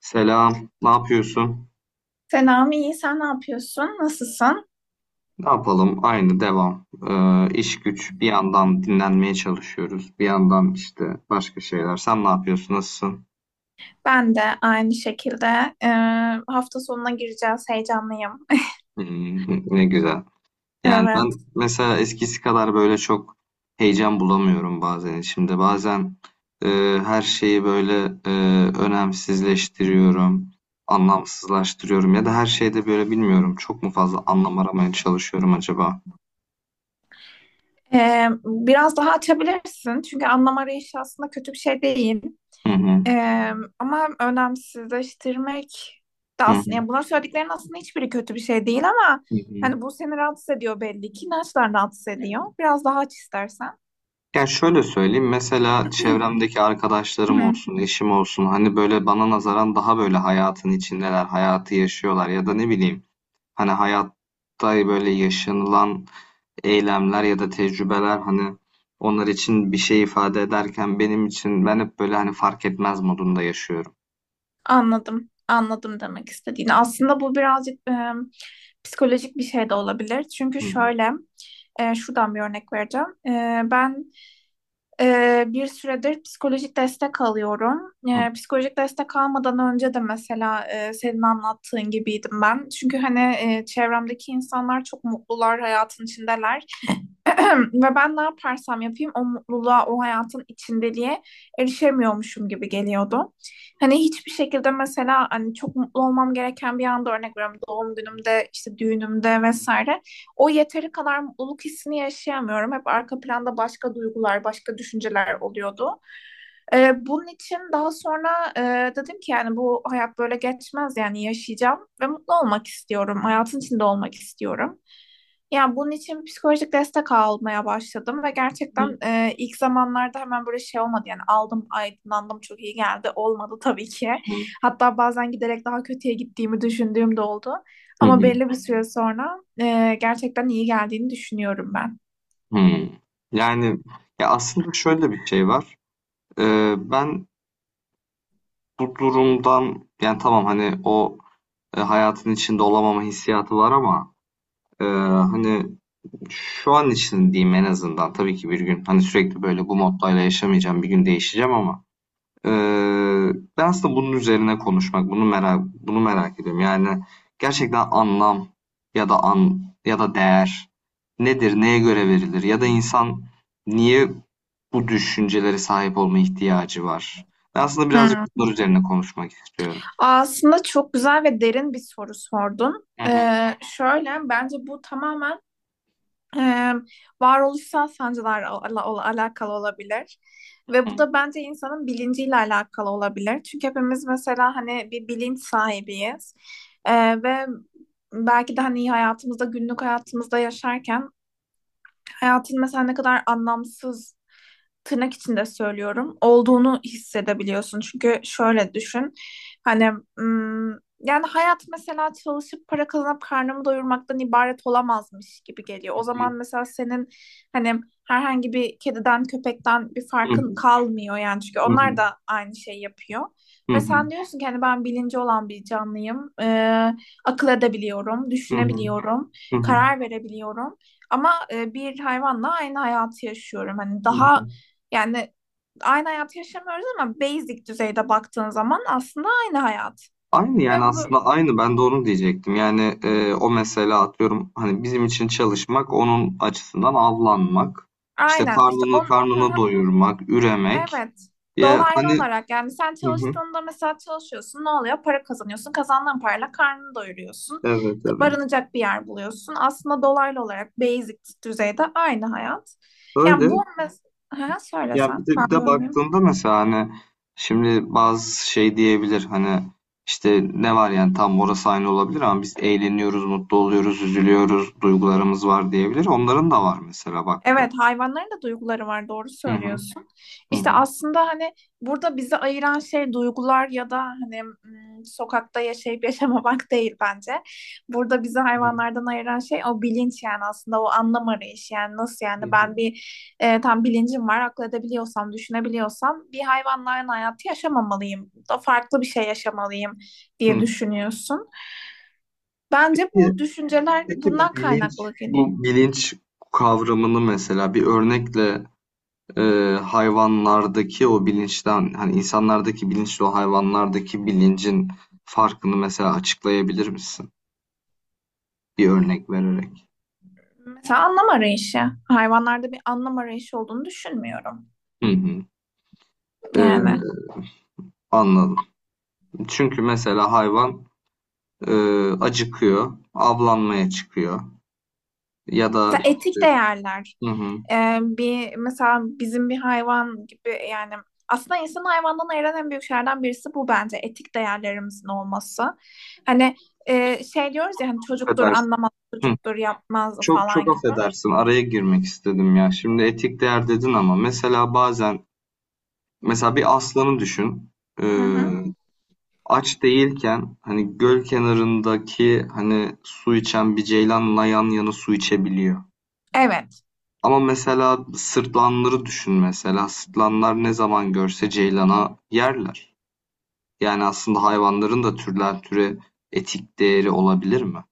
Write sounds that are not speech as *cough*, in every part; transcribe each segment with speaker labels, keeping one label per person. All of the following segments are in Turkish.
Speaker 1: Selam, ne yapıyorsun?
Speaker 2: Selam, iyi. Sen ne yapıyorsun? Nasılsın?
Speaker 1: Ne yapalım? Aynı devam. İş güç. Bir yandan dinlenmeye çalışıyoruz. Bir yandan işte başka şeyler. Sen ne yapıyorsun? Nasılsın? *laughs*
Speaker 2: Ben de aynı şekilde e, hafta sonuna gireceğiz. Heyecanlıyım. *laughs*
Speaker 1: Hmm, ne güzel. Yani ben
Speaker 2: Evet.
Speaker 1: mesela eskisi kadar böyle çok heyecan bulamıyorum bazen içimde. Bazen e, her şeyi böyle e, önemsizleştiriyorum, anlamsızlaştırıyorum ya da her şeyde böyle bilmiyorum. Çok mu fazla anlam aramaya çalışıyorum acaba?
Speaker 2: Biraz daha açabilirsin. Çünkü anlam arayışı aslında kötü bir şey değil.
Speaker 1: Hı hı,
Speaker 2: E, Ama önemsizleştirmek de
Speaker 1: hı hı,
Speaker 2: aslında. Yani bunların söylediklerinin aslında hiçbiri kötü bir şey değil ama
Speaker 1: hı
Speaker 2: hani bu seni rahatsız ediyor belli ki. İnançlar rahatsız ediyor.
Speaker 1: hı.
Speaker 2: Biraz daha aç istersen.
Speaker 1: Ya şöyle söyleyeyim mesela çevremdeki arkadaşlarım
Speaker 2: *clears throat*
Speaker 1: olsun, eşim olsun hani böyle bana nazaran daha böyle hayatın içindeler, hayatı yaşıyorlar ya da ne bileyim hani hayatta böyle yaşanılan eylemler ya da tecrübeler hani onlar için bir şey ifade ederken benim için ben hep böyle hani fark etmez modunda yaşıyorum.
Speaker 2: Anladım. Anladım demek istediğini. Aslında bu birazcık psikolojik bir şey de olabilir. Çünkü
Speaker 1: Hı hı.
Speaker 2: şöyle, şuradan bir örnek vereceğim. Ben bir süredir psikolojik destek alıyorum. Psikolojik destek almadan önce de mesela senin anlattığın gibiydim ben. Çünkü hani çevremdeki insanlar çok mutlular, hayatın içindeler. *clears throat* Ve ben ne yaparsam yapayım o mutluluğa, o hayatın içindeliğe erişemiyormuşum gibi geliyordu. Hani hiçbir şekilde mesela hani çok mutlu olmam gereken bir anda örnek veriyorum doğum günümde, işte düğünümde vesaire. O yeteri kadar mutluluk hissini yaşayamıyorum. Hep arka planda başka duygular, başka düşünceler oluyordu. Bunun için daha sonra dedim ki yani bu hayat böyle geçmez, yani yaşayacağım ve mutlu olmak istiyorum. Hayatın içinde olmak istiyorum. Yani bunun için psikolojik destek almaya başladım ve
Speaker 1: Hı.
Speaker 2: gerçekten ilk zamanlarda hemen böyle şey olmadı, yani aldım aydınlandım çok iyi geldi olmadı tabii ki. Hatta bazen giderek daha kötüye gittiğimi düşündüğüm de oldu.
Speaker 1: Hı
Speaker 2: Ama
Speaker 1: hı.
Speaker 2: belli bir süre sonra gerçekten iyi geldiğini düşünüyorum ben.
Speaker 1: Hmm. Yani ya aslında şöyle bir şey var. Ben bu durumdan yani tamam hani o hayatın içinde olamama hissiyatı var ama e, hani şu an için diyeyim en azından. Tabii ki bir gün hani sürekli böyle bu moddayla yaşamayacağım. Bir gün değişeceğim ama e, ben aslında bunun üzerine konuşmak, bunu merak ediyorum. Yani gerçekten anlam ya da an ya da değer nedir, neye göre verilir ya da insan niye bu düşüncelere sahip olma ihtiyacı var? Ben aslında birazcık
Speaker 2: Hmm.
Speaker 1: bunlar üzerine konuşmak istiyorum.
Speaker 2: Aslında çok güzel ve derin bir soru sordun.
Speaker 1: Hı hı,
Speaker 2: Şöyle, bence bu tamamen e, varoluşsal sancılarla alakalı olabilir. Ve bu
Speaker 1: hı
Speaker 2: da bence insanın bilinciyle alakalı olabilir. Çünkü hepimiz mesela hani bir bilinç sahibiyiz. Ve belki de hani hayatımızda, günlük hayatımızda yaşarken hayatın mesela ne kadar anlamsız, tırnak içinde söylüyorum, olduğunu hissedebiliyorsun. Çünkü şöyle düşün, hani mm, yani hayat mesela çalışıp para kazanıp karnımı doyurmaktan ibaret olamazmış gibi geliyor. O
Speaker 1: hı,
Speaker 2: zaman mesela senin hani herhangi bir kediden köpekten bir
Speaker 1: hı
Speaker 2: farkın
Speaker 1: hı,
Speaker 2: kalmıyor yani, çünkü
Speaker 1: hı
Speaker 2: onlar
Speaker 1: hı.
Speaker 2: da aynı şey yapıyor.
Speaker 1: Hı
Speaker 2: Ve
Speaker 1: hı.
Speaker 2: sen diyorsun ki hani ben bilinci olan bir canlıyım, akıl edebiliyorum,
Speaker 1: Hı hı.
Speaker 2: düşünebiliyorum,
Speaker 1: Hı hı.
Speaker 2: karar verebiliyorum. Ama bir hayvanla aynı hayatı yaşıyorum. Hani
Speaker 1: Hı
Speaker 2: daha,
Speaker 1: hı.
Speaker 2: yani aynı hayatı yaşamıyoruz ama basic düzeyde baktığın zaman aslında aynı hayat.
Speaker 1: Aynı,
Speaker 2: Ve
Speaker 1: yani,
Speaker 2: bu
Speaker 1: aslında aynı. Ben de onu diyecektim. Yani, o mesela atıyorum, hani, bizim için çalışmak, onun açısından avlanmak, işte,
Speaker 2: aynen işte
Speaker 1: karnını
Speaker 2: aha,
Speaker 1: doyurmak, üremek.
Speaker 2: evet,
Speaker 1: Ya,
Speaker 2: dolaylı
Speaker 1: hani.
Speaker 2: olarak yani sen
Speaker 1: Hı hı.
Speaker 2: çalıştığında mesela, çalışıyorsun, ne oluyor? Para kazanıyorsun. Kazandığın parayla karnını doyuruyorsun.
Speaker 1: Evet, evet.
Speaker 2: Barınacak bir yer buluyorsun. Aslında dolaylı olarak basic düzeyde aynı hayat. Yani
Speaker 1: Öyle.
Speaker 2: bu mesela
Speaker 1: Ya,
Speaker 2: söylesen ben
Speaker 1: bir de
Speaker 2: bölmeyeyim.
Speaker 1: baktığında mesela, hani, şimdi bazı şey diyebilir, hani, işte, ne var, yani, tam orası aynı olabilir ama biz eğleniyoruz, mutlu oluyoruz, üzülüyoruz, duygularımız var diyebilir. Onların da var mesela baktığında.
Speaker 2: Evet, hayvanların da duyguları var, doğru
Speaker 1: Hı hı.
Speaker 2: söylüyorsun.
Speaker 1: Hı
Speaker 2: İşte
Speaker 1: hı.
Speaker 2: aslında hani burada bizi ayıran şey duygular ya da hani sokakta yaşayıp *laughs* yaşamamak değil bence. Burada bizi
Speaker 1: Hı
Speaker 2: hayvanlardan ayıran şey o bilinç, yani aslında o anlam arayışı. Yani nasıl, yani
Speaker 1: hı.
Speaker 2: ben bir tam bilincim var, akıl edebiliyorsam, düşünebiliyorsam, bir hayvanların hayatı yaşamamalıyım da farklı bir şey yaşamalıyım diye
Speaker 1: Hı.
Speaker 2: düşünüyorsun. Bence
Speaker 1: Peki
Speaker 2: bu düşünceler
Speaker 1: peki
Speaker 2: bundan kaynaklı, hani.
Speaker 1: bu bilinç kavramını mesela bir örnekle e, hayvanlardaki o bilinçten hani insanlardaki bilinçle o hayvanlardaki bilincin farkını mesela açıklayabilir misin? Bir örnek vererek.
Speaker 2: Mesela anlam arayışı. Hayvanlarda bir anlam arayışı olduğunu düşünmüyorum.
Speaker 1: Hı hı. E,
Speaker 2: Yani
Speaker 1: Anladım. Çünkü mesela hayvan e, acıkıyor, avlanmaya çıkıyor ya da
Speaker 2: mesela
Speaker 1: e,
Speaker 2: etik değerler.
Speaker 1: hı hı,
Speaker 2: Bir mesela bizim bir hayvan gibi, yani aslında insan hayvandan ayıran en büyük şeylerden birisi bu bence, etik değerlerimizin olması. Hani şey diyoruz ya, hani çocuktur
Speaker 1: affedersin.
Speaker 2: anlamaz, çocuktur yapmaz
Speaker 1: Çok
Speaker 2: falan
Speaker 1: çok
Speaker 2: gibi.
Speaker 1: affedersin araya girmek istedim ya. Şimdi etik değer dedin ama mesela bazen mesela bir aslanı düşün.
Speaker 2: Hı
Speaker 1: Ee,
Speaker 2: hı.
Speaker 1: Aç değilken hani göl kenarındaki hani su içen bir ceylanla yan yana su içebiliyor.
Speaker 2: Evet.
Speaker 1: Ama mesela sırtlanları düşün mesela. Sırtlanlar ne zaman görse ceylana yerler. Yani aslında hayvanların da türden türe etik değeri olabilir mi?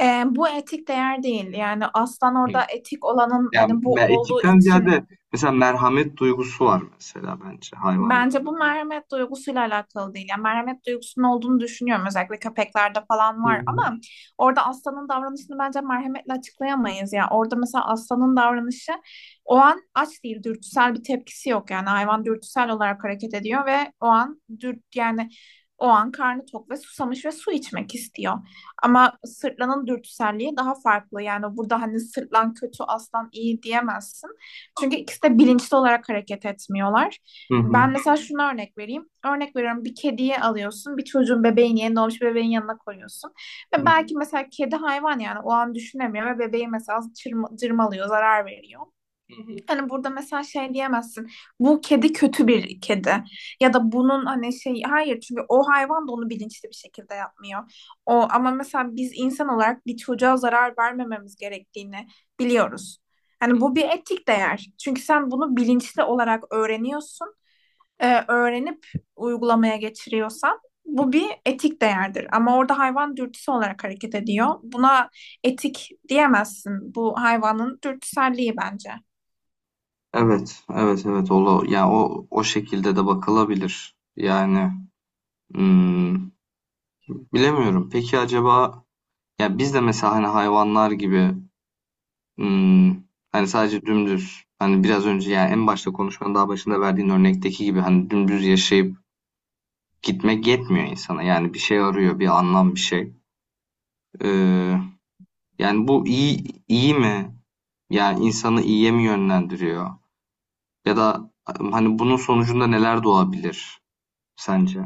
Speaker 2: Bu etik değer değil. Yani aslan orada etik olanın
Speaker 1: Yani
Speaker 2: hani bu olduğu
Speaker 1: etikten
Speaker 2: için.
Speaker 1: ziyade mesela merhamet duygusu var mesela bence hayvanla.
Speaker 2: Bence bu merhamet duygusuyla alakalı değil. Yani merhamet duygusunun olduğunu düşünüyorum. Özellikle köpeklerde falan var
Speaker 1: Hı.
Speaker 2: ama orada aslanın davranışını bence merhametle açıklayamayız. Yani orada mesela aslanın davranışı, o an aç değil, dürtüsel bir tepkisi yok. Yani hayvan dürtüsel olarak hareket ediyor ve o an yani o an karnı tok ve susamış ve su içmek istiyor. Ama sırtlanın dürtüselliği daha farklı. Yani burada hani sırtlan kötü, aslan iyi diyemezsin. Çünkü ikisi de bilinçli olarak hareket etmiyorlar.
Speaker 1: Hı hı.
Speaker 2: Ben mesela şuna örnek vereyim. Örnek veriyorum, bir kediyi alıyorsun. Bir çocuğun bebeğini, yeni doğmuş bebeğin yanına koyuyorsun.
Speaker 1: Hı
Speaker 2: Ve
Speaker 1: hı.
Speaker 2: belki mesela kedi hayvan, yani o an düşünemiyor ve bebeği mesela cırmalıyor, zarar veriyor.
Speaker 1: Hı hı.
Speaker 2: Hani burada mesela şey diyemezsin. Bu kedi kötü bir kedi. Ya da bunun hani şey, hayır, çünkü o hayvan da onu bilinçli bir şekilde yapmıyor. O ama mesela biz insan olarak bir çocuğa zarar vermememiz gerektiğini biliyoruz. Hani
Speaker 1: Hı.
Speaker 2: bu bir etik değer. Çünkü sen bunu bilinçli olarak öğreniyorsun, öğrenip uygulamaya geçiriyorsan, bu bir etik değerdir. Ama orada hayvan dürtüsü olarak hareket ediyor. Buna etik diyemezsin. Bu hayvanın dürtüselliği bence.
Speaker 1: Evet, evet, evet. O, yani o şekilde de bakılabilir. Yani hmm, bilemiyorum. Peki acaba ya biz de mesela hani hayvanlar gibi hmm, hani sadece dümdüz hani biraz önce yani en başta konuşmanın daha başında verdiğin örnekteki gibi hani dümdüz yaşayıp gitmek yetmiyor insana. Yani bir şey arıyor, bir anlam, bir şey. Ee, Yani bu iyi mi? Yani insanı iyiye mi yönlendiriyor? Ya da hani bunun sonucunda neler doğabilir sence?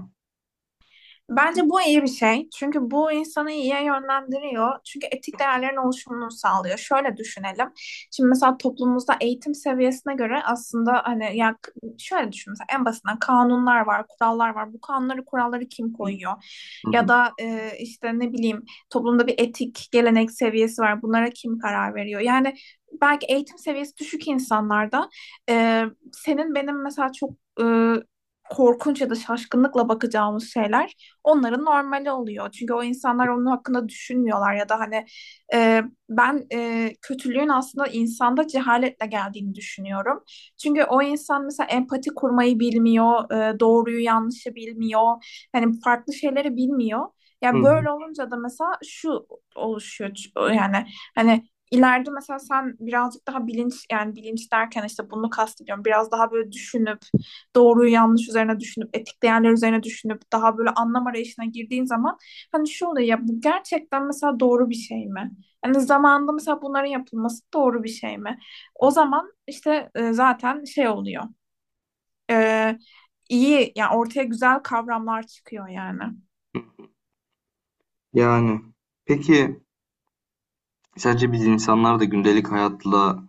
Speaker 2: Bence bu iyi bir şey. Çünkü bu insanı iyiye yönlendiriyor. Çünkü etik değerlerin oluşumunu sağlıyor. Şöyle düşünelim. Şimdi mesela toplumumuzda eğitim seviyesine göre aslında, hani ya şöyle düşün mesela, en basitinden kanunlar var, kurallar var. Bu kanunları, kuralları kim koyuyor?
Speaker 1: Hı
Speaker 2: Ya
Speaker 1: hı.
Speaker 2: da işte ne bileyim, toplumda bir etik, gelenek seviyesi var. Bunlara kim karar veriyor? Yani belki eğitim seviyesi düşük insanlarda e, senin benim mesela çok e, korkunç ya da şaşkınlıkla bakacağımız şeyler onların normali oluyor. Çünkü o insanlar onun hakkında düşünmüyorlar ya da hani e, ben kötülüğün aslında insanda cehaletle geldiğini düşünüyorum. Çünkü o insan mesela empati kurmayı bilmiyor, doğruyu yanlışı bilmiyor, hani farklı şeyleri bilmiyor.
Speaker 1: Hı
Speaker 2: Yani
Speaker 1: hı.
Speaker 2: böyle olunca da mesela şu oluşuyor yani, hani ileride mesela sen birazcık daha bilinç, yani bilinç derken işte bunu kastediyorum, biraz daha böyle düşünüp doğruyu yanlış üzerine düşünüp etik değerler üzerine düşünüp daha böyle anlam arayışına girdiğin zaman, hani şu oluyor ya, bu gerçekten mesela doğru bir şey mi? Yani zamanında mesela bunların yapılması doğru bir şey mi? O zaman işte zaten şey oluyor. E, iyi yani ortaya güzel kavramlar çıkıyor yani.
Speaker 1: Yani peki sence biz insanlar da gündelik hayatla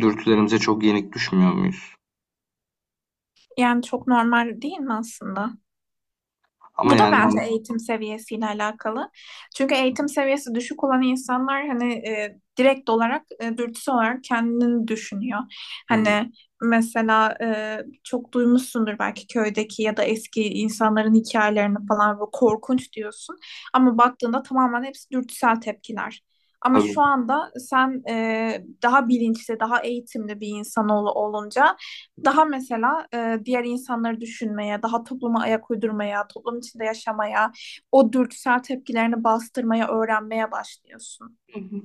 Speaker 1: dürtülerimize çok yenik düşmüyor muyuz?
Speaker 2: Yani çok normal değil mi aslında?
Speaker 1: Ama
Speaker 2: Bu da
Speaker 1: yani
Speaker 2: bence
Speaker 1: hani.
Speaker 2: eğitim seviyesiyle alakalı. Çünkü eğitim seviyesi düşük olan insanlar hani direkt olarak dürtüsel olarak kendini düşünüyor.
Speaker 1: Hı hı.
Speaker 2: Hani mesela çok duymuşsundur belki köydeki ya da eski insanların hikayelerini falan, ve korkunç diyorsun. Ama baktığında tamamen hepsi dürtüsel tepkiler. Ama
Speaker 1: Tabii.
Speaker 2: şu anda sen daha bilinçli, daha eğitimli bir insan olunca daha mesela diğer insanları düşünmeye, daha topluma ayak uydurmaya, toplum içinde yaşamaya, o dürtüsel tepkilerini bastırmaya, öğrenmeye başlıyorsun.
Speaker 1: Hı hı.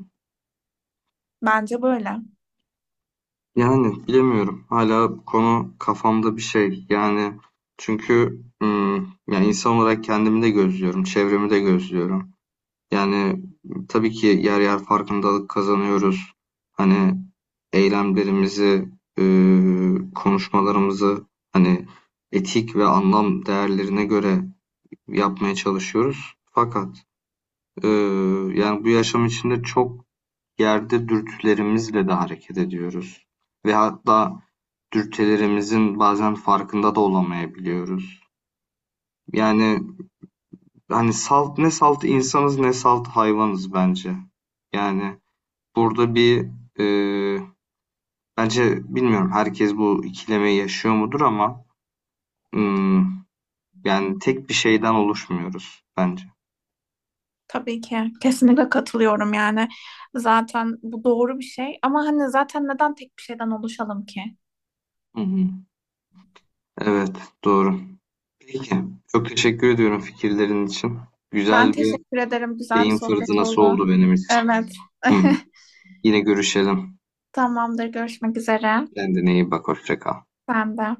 Speaker 2: Bence böyle.
Speaker 1: Yani bilemiyorum. Hala bu konu kafamda bir şey. Yani çünkü hmm, yani insan olarak kendimi de gözlüyorum, çevremi de gözlüyorum. Yani tabii ki yer yer farkındalık kazanıyoruz. Hani eylemlerimizi, konuşmalarımızı hani etik ve anlam değerlerine göre yapmaya çalışıyoruz. Fakat eee, yani bu yaşam içinde çok yerde dürtülerimizle de hareket ediyoruz. Ve hatta dürtülerimizin bazen farkında da olamayabiliyoruz. Yani hani salt ne salt insanız ne salt hayvanız bence. Yani burada bir, eee, bence bilmiyorum herkes bu ikilemeyi yaşıyor mudur ama hmm, yani tek bir şeyden oluşmuyoruz bence.
Speaker 2: Tabii ki. Kesinlikle katılıyorum yani. Zaten bu doğru bir şey. Ama hani zaten neden tek bir şeyden oluşalım ki?
Speaker 1: Hı hı. Evet, doğru. Peki, çok teşekkür ediyorum fikirlerin için.
Speaker 2: Ben
Speaker 1: Güzel bir
Speaker 2: teşekkür ederim. Güzel bir
Speaker 1: beyin
Speaker 2: sohbet
Speaker 1: fırtınası
Speaker 2: oldu.
Speaker 1: oldu benim için.
Speaker 2: Evet.
Speaker 1: Hı.
Speaker 2: *laughs*
Speaker 1: Yine görüşelim.
Speaker 2: Tamamdır. Görüşmek üzere.
Speaker 1: Kendine iyi bak, hoşça kal.
Speaker 2: Ben de.